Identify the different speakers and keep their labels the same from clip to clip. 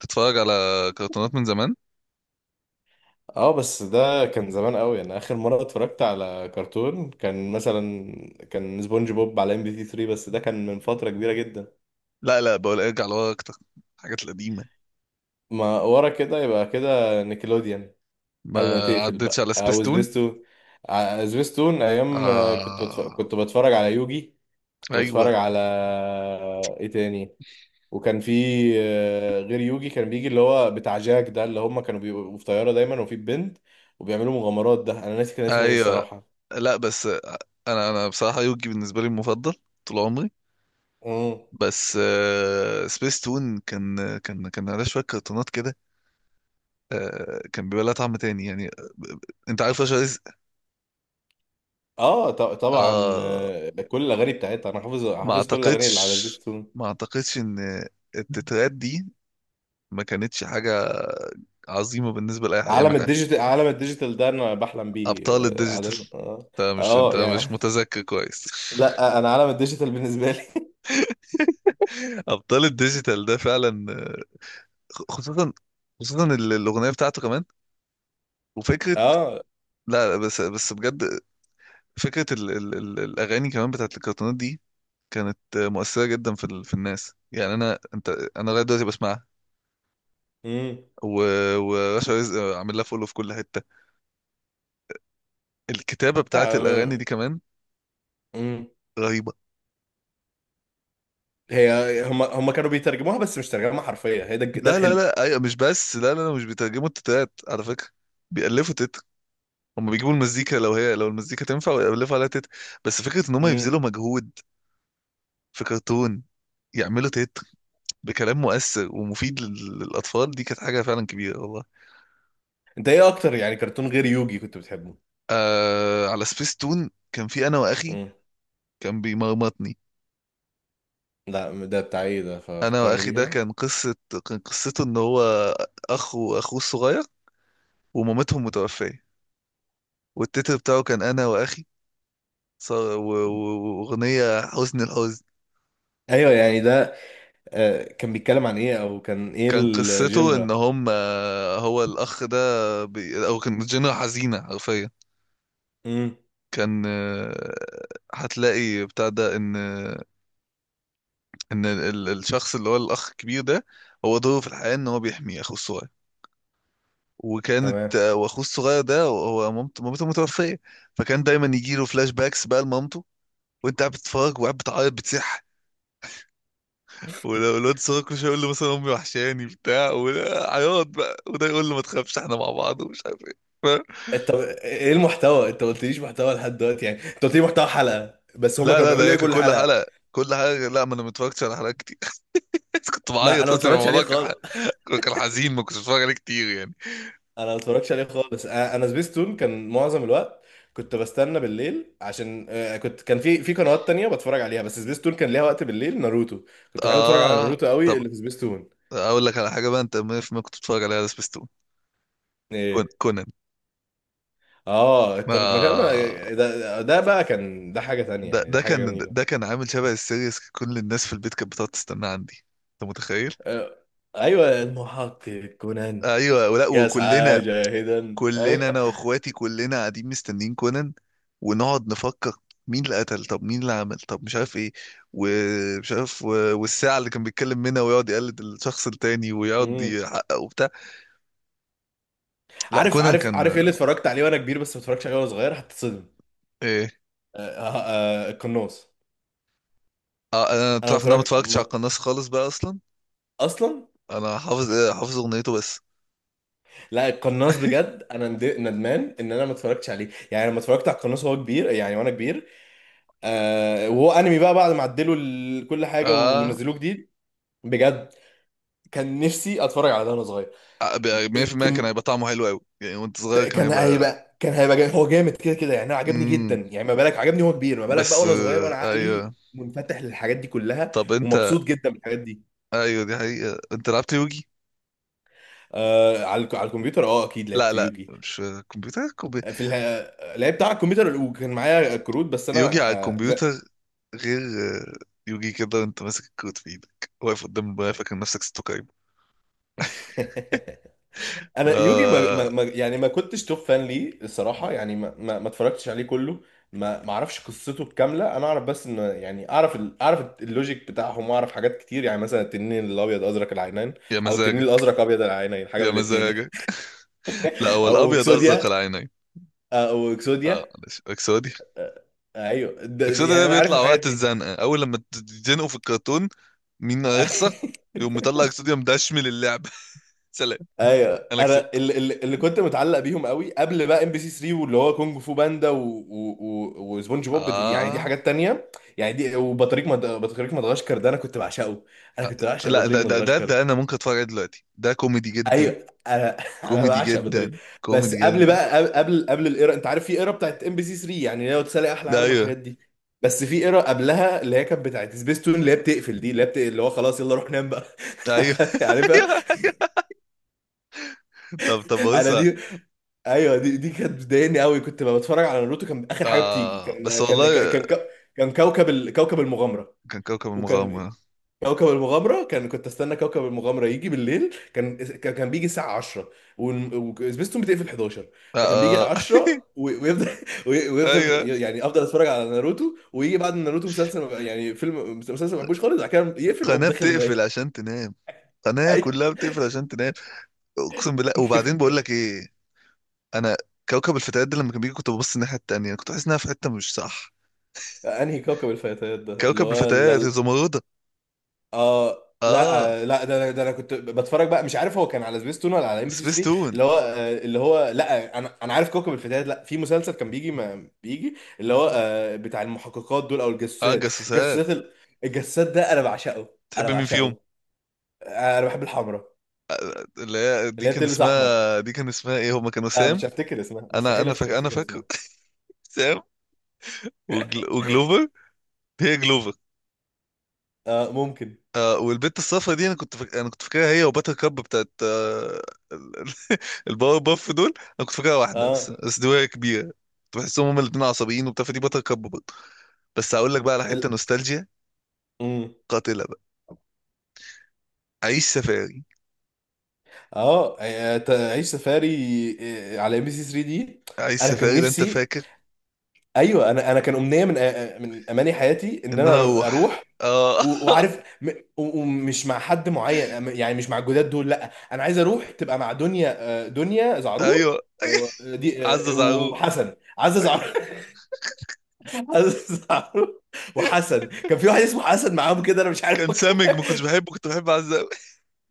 Speaker 1: تتفرج على كرتونات من زمان.
Speaker 2: اه، بس ده كان زمان قوي. انا اخر مره اتفرجت على كرتون كان مثلا كان سبونج بوب على ام بي تي 3، بس ده كان من فتره كبيره جدا.
Speaker 1: لا، بقول ارجع لورا اكتر الحاجات القديمه.
Speaker 2: ما ورا كده يبقى كده نيكلوديان
Speaker 1: ما
Speaker 2: قبل ما تقفل
Speaker 1: عدتش
Speaker 2: بقى،
Speaker 1: على
Speaker 2: او
Speaker 1: سبيستون.
Speaker 2: سبيستون. سبيستون ايام آه،
Speaker 1: آه...
Speaker 2: كنت بتفرج على يوجي. كنت
Speaker 1: ايوه
Speaker 2: بتفرج على ايه تاني وكان في آه، غير يوجي كان بيجي اللي هو بتاع جاك ده، اللي هم كانوا بيبقوا في طياره دايما وفي بنت وبيعملوا مغامرات. ده انا ناسي كان اسمه ايه
Speaker 1: ايوه.
Speaker 2: الصراحه.
Speaker 1: لا بس انا بصراحه يوجي بالنسبه لي المفضل طول عمري.
Speaker 2: مم.
Speaker 1: بس سبيستون كان عليه شويه كرتونات كده. كان بيبقى لها طعم تاني ب- انت عارف رشا رزق؟
Speaker 2: اه طبعا
Speaker 1: آه...
Speaker 2: آه، كل الاغاني بتاعتها انا حافظ
Speaker 1: ما
Speaker 2: كل الاغاني اللي على
Speaker 1: اعتقدش،
Speaker 2: سبيتون.
Speaker 1: ما اعتقدش ان التترات دي ما كانتش حاجة عظيمة بالنسبة لأي حد، يعني ما
Speaker 2: عالم
Speaker 1: كان-
Speaker 2: الديجيتال، عالم الديجيتال ده انا بحلم بيه
Speaker 1: أبطال
Speaker 2: اه
Speaker 1: الديجيتال.
Speaker 2: عادة. اه
Speaker 1: انت مش انت
Speaker 2: آه،
Speaker 1: مش
Speaker 2: يعني
Speaker 1: متذكر كويس.
Speaker 2: لا آه، انا عالم الديجيتال بالنسبه لي.
Speaker 1: أبطال الديجيتال ده فعلا، خصوصا، خصوصا الأغنية بتاعته كمان. وفكرة
Speaker 2: اه.
Speaker 1: لا، بس بجد فكرة ال ال ال الأغاني كمان بتاعت الكرتونات دي كانت مؤثرة جدا في ال في الناس، يعني أنا أنت أنا لغاية دلوقتي بسمعها.
Speaker 2: امم.
Speaker 1: و- ورشا رزق عامل لها فولو في كل حتة. الكتابة بتاعت
Speaker 2: لا
Speaker 1: الأغاني
Speaker 2: م-
Speaker 1: دي كمان
Speaker 2: امم.
Speaker 1: رهيبة.
Speaker 2: هي هم كانوا بيترجموها بس مش ترجمه حرفيه، هي ده ده
Speaker 1: لا لا
Speaker 2: الحلو.
Speaker 1: لا ايوه، مش بس، لا، مش بيترجموا التتات على فكره، بيألفوا تت. هم بيجيبوا المزيكا، لو هي لو المزيكا تنفع ويألفوا عليها تت. بس فكره ان هم
Speaker 2: امم.
Speaker 1: يبذلوا مجهود في كرتون يعملوا تت بكلام مؤثر ومفيد للاطفال دي كانت حاجه فعلا كبيره والله.
Speaker 2: انت ايه اكتر يعني كرتون غير يوجي كنت بتحبه؟
Speaker 1: آه، على سبيس تون كان في انا واخي،
Speaker 2: امم.
Speaker 1: كان بيمرمطني.
Speaker 2: لا ده بتاع ايه ده؟
Speaker 1: انا
Speaker 2: ففكرني
Speaker 1: واخي
Speaker 2: بيه
Speaker 1: ده
Speaker 2: كده.
Speaker 1: كان قصه، كان قصته ان هو اخ واخوه الصغير ومامتهم متوفيه. والتتر بتاعه كان انا واخي ص- و- و- وأغنية حزن الحزن.
Speaker 2: ايوه يعني ده آه، كان بيتكلم عن ايه؟ او كان ايه
Speaker 1: كان قصته
Speaker 2: الجنرا؟
Speaker 1: إن هم آه، هو الأخ ده أو كان جنة حزينة حرفيا. كان، هتلاقي بتاع ده إن إن الشخص اللي هو الأخ الكبير ده هو دوره في الحياة إن هو بيحمي أخوه الصغير. وكانت
Speaker 2: تمام.
Speaker 1: آه، وأخوه الصغير ده هو مامته متوفية. فكان دايما يجيله فلاش باكس بقى لمامته، وأنت قاعد بتتفرج وقاعد بتعيط بتصيح. ولو الواد الصغير كل شويه يقول له مثلا امي وحشاني بتاع عياط بقى، وده يقول له ما تخافش احنا مع بعض ومش عارف ايه. فاهم؟
Speaker 2: انت ايه المحتوى؟ انت ما قلتليش محتوى لحد دلوقتي. يعني انت قلت لي محتوى حلقه، بس هما
Speaker 1: لا
Speaker 2: كانوا
Speaker 1: لا ده
Speaker 2: بيعملوا
Speaker 1: هي
Speaker 2: ايه
Speaker 1: كان
Speaker 2: كل
Speaker 1: كل
Speaker 2: حلقه؟
Speaker 1: حلقه كل حاجه. لا، ما انا ما اتفرجتش على حلقات كتير. كنت
Speaker 2: ما انا
Speaker 1: بعيط
Speaker 2: ما
Speaker 1: اصلا،
Speaker 2: اتفرجتش عليه
Speaker 1: الموضوع
Speaker 2: خالص.
Speaker 1: كان حزين، ما كنتش بتفرج عليه كتير يعني.
Speaker 2: انا ما اتفرجتش عليه خالص. انا أنا سبيستون كان معظم الوقت. كنت بستنى بالليل عشان آه، كنت كان في في قنوات تانية بتفرج عليها، بس سبيستون كان ليها وقت بالليل. ناروتو، كنت بحب اتفرج على
Speaker 1: اه،
Speaker 2: ناروتو قوي
Speaker 1: طب
Speaker 2: اللي في سبيستون.
Speaker 1: اقول لك على حاجه بقى، انت 100% كنت بتتفرج عليها على سبيستون.
Speaker 2: ايه؟
Speaker 1: كونان.
Speaker 2: اه كان
Speaker 1: ما
Speaker 2: ده ده بقى كان ده حاجه تانية
Speaker 1: ده
Speaker 2: يعني، ده
Speaker 1: ده
Speaker 2: حاجه
Speaker 1: كان
Speaker 2: جميله.
Speaker 1: ده كان عامل شبه السيريس، كل الناس في البيت كانت بتقعد تستناه عندي، انت متخيل؟
Speaker 2: آه، ايوه المحقق كونان.
Speaker 1: ايوه، ولا
Speaker 2: يا
Speaker 1: وكلنا،
Speaker 2: سعاده هدى
Speaker 1: كلنا
Speaker 2: أيوة.
Speaker 1: انا واخواتي كلنا قاعدين مستنيين كونان. ونقعد نفكر مين اللي قتل، طب مين اللي عمل، طب مش عارف ايه، ومش عارف و- والساعة اللي كان بيتكلم منها ويقعد يقلد الشخص التاني ويقعد
Speaker 2: مم.
Speaker 1: يحقق وبتاع. لا
Speaker 2: عارف
Speaker 1: كونان
Speaker 2: عارف
Speaker 1: كان
Speaker 2: ايه اللي اتفرجت عليه وانا كبير بس ما اتفرجتش عليه وانا صغير؟ هتتصدم.
Speaker 1: ايه.
Speaker 2: آه، آه، آه، القناص.
Speaker 1: آه، انا
Speaker 2: انا ما
Speaker 1: تعرف ان انا ما
Speaker 2: اتفرجت
Speaker 1: اتفرجتش على
Speaker 2: ما...
Speaker 1: القناص خالص بقى اصلا؟
Speaker 2: اصلا.
Speaker 1: انا حافظ، حافظ اغنيته بس.
Speaker 2: لا القناص بجد انا ندمان ان انا ما اتفرجتش عليه. يعني لما اتفرجت على القناص وهو كبير يعني وانا كبير، آه وهو انمي بقى بعد ما عدلوا كل حاجه
Speaker 1: اه،
Speaker 2: ونزلوه جديد. بجد كان نفسي اتفرج على ده وانا صغير.
Speaker 1: 100% كان هيبقى طعمه حلو قوي يعني، وانت صغير كان
Speaker 2: كان
Speaker 1: هيبقى.
Speaker 2: هيبقى، كان هيبقى جامد. هو جامد كده كده يعني. انا عجبني جدا
Speaker 1: امم
Speaker 2: يعني، ما بالك عجبني هو كبير، ما بالك بقى
Speaker 1: بس،
Speaker 2: وانا صغير وانا عقلي
Speaker 1: ايوه.
Speaker 2: منفتح للحاجات دي كلها
Speaker 1: طب انت،
Speaker 2: ومبسوط جدا بالحاجات دي.
Speaker 1: ايوه دي حقيقة، انت لعبت يوجي؟
Speaker 2: آه على على الكمبيوتر، اه اكيد
Speaker 1: لا
Speaker 2: لعبت
Speaker 1: لا،
Speaker 2: يوجي.
Speaker 1: مش كمبيوتر،
Speaker 2: لعبت على الكمبيوتر وكان معايا كروت بس
Speaker 1: يوجي
Speaker 2: انا
Speaker 1: على
Speaker 2: آه لا.
Speaker 1: الكمبيوتر غير، يوجي كده وانت ماسك الكود في ايدك واقف قدام المرايه فاكر نفسك ستوكايم.
Speaker 2: انا يوجي
Speaker 1: آه.
Speaker 2: يعني ما كنتش توب فان ليه الصراحه. يعني ما اتفرجتش عليه كله. ما اعرفش قصته الكامله. انا اعرف بس ان يعني، اعرف اعرف اللوجيك بتاعهم واعرف حاجات كتير، يعني مثلا التنين الابيض ازرق العينين
Speaker 1: يا
Speaker 2: او التنين
Speaker 1: مزاجك،
Speaker 2: الازرق ابيض العينين، حاجه
Speaker 1: يا
Speaker 2: من الاثنين يعني.
Speaker 1: مزاجك. لا هو
Speaker 2: او
Speaker 1: الابيض
Speaker 2: اكسوديا،
Speaker 1: ازرق العينين.
Speaker 2: او
Speaker 1: اه
Speaker 2: اكسوديا.
Speaker 1: معلش اكسودي.
Speaker 2: ايوه ده
Speaker 1: اكسودي ده
Speaker 2: يعني انا عارف
Speaker 1: بيطلع
Speaker 2: الحاجات
Speaker 1: وقت
Speaker 2: دي.
Speaker 1: الزنقه، اول لما تتزنقوا في الكرتون مين هيخسر، يقوم مطلع اكسودي مدشمل اللعبه. سلام.
Speaker 2: ايوه،
Speaker 1: انا
Speaker 2: انا
Speaker 1: كسبت.
Speaker 2: اللي كنت متعلق بيهم قوي قبل بقى ام بي سي 3، واللي هو كونج فو باندا وسبونج بوب، يعني دي
Speaker 1: اه،
Speaker 2: حاجات تانية. يعني دي، بطريق مدغشقر ده انا كنت بعشقه. انا
Speaker 1: آه،
Speaker 2: كنت بعشق
Speaker 1: لا
Speaker 2: بطريق
Speaker 1: ده ده ده,
Speaker 2: مدغشقر
Speaker 1: ده
Speaker 2: ده.
Speaker 1: انا ممكن اتفرج عليه دلوقتي، ده كوميدي جدا.
Speaker 2: ايوه انا انا
Speaker 1: كوميدي
Speaker 2: بعشق بطريق.
Speaker 1: جدا
Speaker 2: بس
Speaker 1: كوميدي
Speaker 2: قبل
Speaker 1: جدا.
Speaker 2: بقى، قبل الايرا، انت عارف في ايرا بتاعت ام بي سي 3، يعني لو تسالي احلى عالم
Speaker 1: ايوه
Speaker 2: والحاجات دي. بس في ايرا قبلها اللي هي كانت بتاعت سبيستون، اللي هي بتقفل دي، اللي اللي هو خلاص يلا روح نام بقى.
Speaker 1: ايوه.
Speaker 2: عارفها.
Speaker 1: ايوه ايوه. طب بص.
Speaker 2: انا دي، ايوه دي كانت بتضايقني قوي. كنت ببقى بتفرج على ناروتو. كان اخر حاجه بتيجي
Speaker 1: آه
Speaker 2: كان
Speaker 1: بس والله،
Speaker 2: كان كوكب المغامره.
Speaker 1: كان كوكب
Speaker 2: وكان
Speaker 1: المغامرة.
Speaker 2: كوكب المغامره، كان كنت استنى كوكب المغامره يجي بالليل. كان بيجي الساعه 10 وسبيستون بتقفل 11.
Speaker 1: آه.
Speaker 2: فكان بيجي
Speaker 1: آه.
Speaker 2: 10 ويفضل ويفضل،
Speaker 1: ايوه.
Speaker 2: يعني افضل اتفرج على ناروتو. ويجي بعد ناروتو مسلسل يعني فيلم مسلسل ما بحبوش خالص، بعد كده يقفل اقوم
Speaker 1: قناة
Speaker 2: داخل نايم.
Speaker 1: بتقفل عشان تنام، قناة
Speaker 2: اي.
Speaker 1: كلها بتقفل عشان تنام. اقسم بالله. وبعدين بقول
Speaker 2: كيفك؟
Speaker 1: لك ايه، انا كوكب الفتيات ده لما كان بيجي كنت ببص الناحية التانية، كنت بحس انها في حتة مش صح.
Speaker 2: انهي كوكب الفتيات ده اللي
Speaker 1: كوكب
Speaker 2: هو؟
Speaker 1: الفتيات الزمردة.
Speaker 2: اه لا
Speaker 1: اه،
Speaker 2: آه، لا ده ده انا كنت بتفرج بقى، مش عارف هو كان على سبيستون ولا على ام بي سي
Speaker 1: سبيس
Speaker 2: 3،
Speaker 1: تون.
Speaker 2: اللي هو آه، اللي هو لا انا انا عارف كوكب الفتيات، لا في مسلسل كان بيجي، ما بيجي اللي هو آه، بتاع المحققات دول او
Speaker 1: اه
Speaker 2: الجاسوسات،
Speaker 1: الجاسوسات.
Speaker 2: الجاسوسات الجاسوسات ده انا بعشقه. انا
Speaker 1: تحب مين فيهم؟
Speaker 2: بعشقه. آه، انا بحب الحمراء
Speaker 1: اللي هي دي
Speaker 2: اللي هي
Speaker 1: كان
Speaker 2: بتلبس احمر.
Speaker 1: اسمها، دي كان اسمها ايه، هما كانوا
Speaker 2: لا
Speaker 1: سام
Speaker 2: مش هفتكر اسمها.
Speaker 1: انا
Speaker 2: مستحيل
Speaker 1: انا فاكر، انا
Speaker 2: افتكر
Speaker 1: فاكر.
Speaker 2: اسمها.
Speaker 1: سام وجل... وجلوفر. هي جلوفر.
Speaker 2: آه ممكن.
Speaker 1: آه، والبنت الصفرا دي انا كنت فاكرها هي وباتر كاب بتاعت ال- ال- الباور باف دول، انا كنت فاكرها واحده بس.
Speaker 2: اه
Speaker 1: دي وهي كبيره كنت بحسهم هما الاثنين عصبيين وبتاع، فدي باتر كاب برضه. بس هقول لك بقى على حته
Speaker 2: ال...
Speaker 1: نوستالجيا
Speaker 2: مم.
Speaker 1: قاتله بقى، عيش سفاري.
Speaker 2: اه آه، تعيش سفاري، آه، على ام بي سي 3 دي.
Speaker 1: عيش
Speaker 2: انا كان
Speaker 1: سفاري ده انت
Speaker 2: نفسي،
Speaker 1: فاكر؟
Speaker 2: ايوه انا انا كان امنيه من اماني حياتي ان
Speaker 1: ان
Speaker 2: انا
Speaker 1: انا
Speaker 2: اروح،
Speaker 1: اروح،
Speaker 2: أروح
Speaker 1: اه.
Speaker 2: وعارف ومش مع حد معين، يعني مش مع الجداد دول، لا انا عايز اروح تبقى مع دنيا. آه، دنيا زعرور.
Speaker 1: ايوه.
Speaker 2: آه، دي
Speaker 1: عزة
Speaker 2: آه،
Speaker 1: زعرور.
Speaker 2: وحسن، عزة زعرور. عزة زعرور. وحسن، كان في واحد اسمه حسن معاهم كده، انا مش عارف
Speaker 1: كان
Speaker 2: هو
Speaker 1: سامج
Speaker 2: كان...
Speaker 1: ما كنتش بحبه، كنت بحب عزة قوي.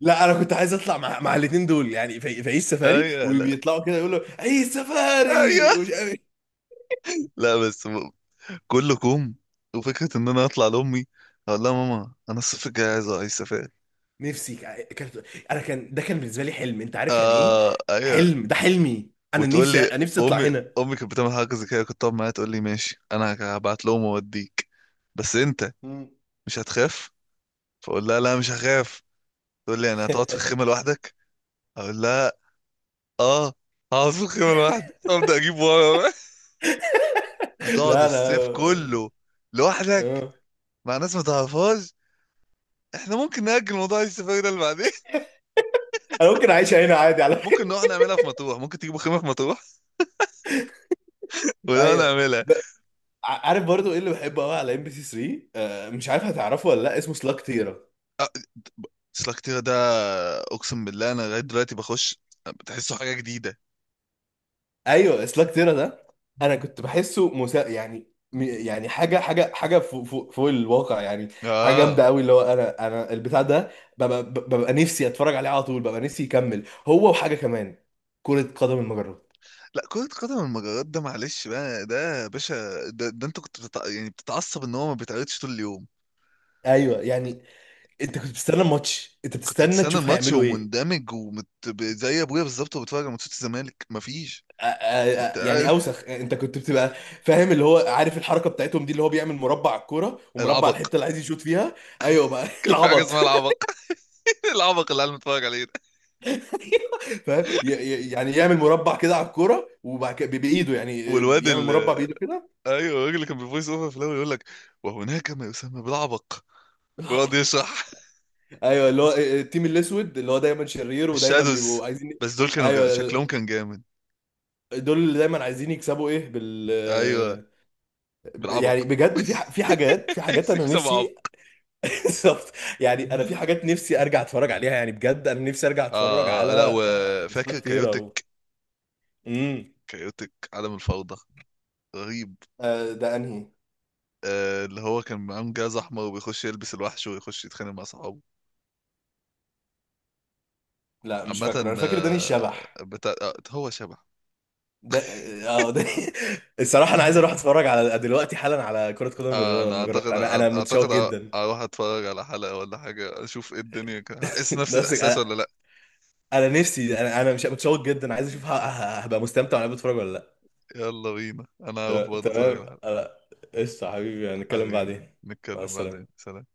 Speaker 2: لا انا كنت عايز اطلع مع مع الاثنين دول، يعني في في عيش سفاري،
Speaker 1: ايوه، لا
Speaker 2: وبيطلعوا كده يقولوا عيش
Speaker 1: ايوه،
Speaker 2: سفاري ومش عارف.
Speaker 1: لا بس كله كوم. وفكرة إن أنا أطلع لأمي أقول لها ماما أنا الصيف الجاي عايز سفاري.
Speaker 2: كانت انا كان ده، كان بالنسبه لي حلم، انت عارف يعني ايه
Speaker 1: آه أيوة.
Speaker 2: حلم؟ ده حلمي انا،
Speaker 1: وتقول
Speaker 2: نفسي
Speaker 1: لي،
Speaker 2: نفسي اطلع
Speaker 1: أمي
Speaker 2: هنا.
Speaker 1: أمي كانت بتعمل حاجة زي كده، كنت أقعد معاها تقول لي ماشي أنا هبعت لهم وأوديك بس أنت
Speaker 2: مم.
Speaker 1: مش هتخاف. فأقول لها لا مش هخاف. تقول لي يعني هتقعد في الخيمة لوحدك، أقول لها آه هقعد في الخيمة لوحدي، أبدأ أجيب ورا بقى. هتقعد
Speaker 2: لا
Speaker 1: الصيف
Speaker 2: لا
Speaker 1: كله لوحدك
Speaker 2: آه.
Speaker 1: مع ناس ما تعرفهاش؟ احنا ممكن نأجل موضوع السفاري ده اللي بعدين.
Speaker 2: انا ممكن اعيش هنا عادي على
Speaker 1: ممكن
Speaker 2: فكره.
Speaker 1: نروح نعملها في مطروح، ممكن تجيبوا خيمة في مطروح ونقعد
Speaker 2: ايوه.
Speaker 1: نعملها.
Speaker 2: ب- عارف برضو ايه اللي بحبه قوي على ام بي سي 3 آه، مش عارف هتعرفه ولا لا، اسمه سلاك تيرا.
Speaker 1: سلاكتيرا ده، اقسم بالله انا لغايه دلوقتي بخش بتحسه حاجه جديده.
Speaker 2: ايوه سلاك تيرا ده، انا كنت يعني يعني حاجه فوق الواقع يعني. حاجه
Speaker 1: اه.
Speaker 2: جامده قوي اللي هو، انا انا البتاع ده ببقى نفسي اتفرج عليه على طول، ببقى نفسي يكمل هو، وحاجه كمان كره قدم المجرات.
Speaker 1: لا كرة قدم المجرات ده معلش بقى ده يا باشا، ده انت كنت بتتعصب ان هو ما بيتعرضش طول اليوم.
Speaker 2: ايوه يعني. انت كنت بتستنى الماتش، انت
Speaker 1: كنت
Speaker 2: بتستنى
Speaker 1: بتستنى
Speaker 2: تشوف
Speaker 1: الماتش
Speaker 2: هيعملوا ايه.
Speaker 1: ومندمج زي ابويا بالظبط، وبتفرج على ماتشات الزمالك مفيش
Speaker 2: أ-
Speaker 1: انت
Speaker 2: أ- يعني
Speaker 1: قاعد-
Speaker 2: اوسخ انت كنت بتبقى فاهم اللي هو عارف الحركه بتاعتهم دي، اللي هو بيعمل مربع على الكوره ومربع على
Speaker 1: العبق.
Speaker 2: الحته اللي عايز يشوط فيها. ايوه بقى.
Speaker 1: كان في حاجه
Speaker 2: العبط.
Speaker 1: اسمها العبق. العبق اللي قاعد متفرج عليه ده
Speaker 2: فاهم يعني يعمل مربع كده على الكوره، وبعد كده بايده يعني
Speaker 1: والواد
Speaker 2: يعمل
Speaker 1: ال
Speaker 2: مربع بايده كده.
Speaker 1: ايوه الراجل اللي كان بيفويس اوفر في الاول يقول لك وهناك ما يسمى بالعبق، ويقعد
Speaker 2: بالعبط.
Speaker 1: يشرح.
Speaker 2: ايوه، اللي هو آه، التيم الاسود اللي هو دايما شرير ودايما
Speaker 1: الشادوز،
Speaker 2: بيبقوا عايزين.
Speaker 1: بس دول كانوا جامد. شكلهم
Speaker 2: ايوه،
Speaker 1: كان جامد.
Speaker 2: دول اللي دايما عايزين يكسبوا ايه، بال.
Speaker 1: ايوه
Speaker 2: يعني
Speaker 1: بالعبق.
Speaker 2: بجد في في حاجات، في حاجات
Speaker 1: عايز
Speaker 2: انا
Speaker 1: يكسب
Speaker 2: نفسي.
Speaker 1: عبط.
Speaker 2: بالظبط. يعني انا في حاجات نفسي ارجع اتفرج عليها، يعني بجد انا نفسي ارجع اتفرج
Speaker 1: اه، لا
Speaker 2: على
Speaker 1: وفاكر
Speaker 2: سلاك تيرا
Speaker 1: كايوتك؟
Speaker 2: امم.
Speaker 1: كايوتك عالم الفوضى رهيب.
Speaker 2: آه، ده انهي؟
Speaker 1: آه اللي هو كان معاه جاز احمر وبيخش يلبس الوحش ويخش يتخانق مع صحابه.
Speaker 2: لا مش فاكره،
Speaker 1: عامة
Speaker 2: انا فاكر داني
Speaker 1: آه
Speaker 2: الشبح.
Speaker 1: بتاع آه هو شبح.
Speaker 2: ده اه آه، ده الصراحة أنا عايز أروح أتفرج على دلوقتي حالا على كرة قدم
Speaker 1: آه انا
Speaker 2: المجرات.
Speaker 1: اعتقد،
Speaker 2: أنا أنا متشوق جدا.
Speaker 1: اروح اتفرج على حلقة ولا حاجة اشوف ايه الدنيا كده. هحس نفس
Speaker 2: نفسك
Speaker 1: الاحساس
Speaker 2: أنا.
Speaker 1: ولا لا؟
Speaker 2: أنا نفسي، أنا أنا مش متشوق جدا، عايز أشوف هبقى مستمتع وأنا بتفرج ولا لأ.
Speaker 1: يلا بينا، انا هروح
Speaker 2: تمام
Speaker 1: برضه اتفرج
Speaker 2: تمام.
Speaker 1: على حلقة.
Speaker 2: أنا... قشطة حبيبي، هنتكلم
Speaker 1: حبيبي،
Speaker 2: بعدين. مع
Speaker 1: نتكلم بعدين،
Speaker 2: السلامة.
Speaker 1: سلام.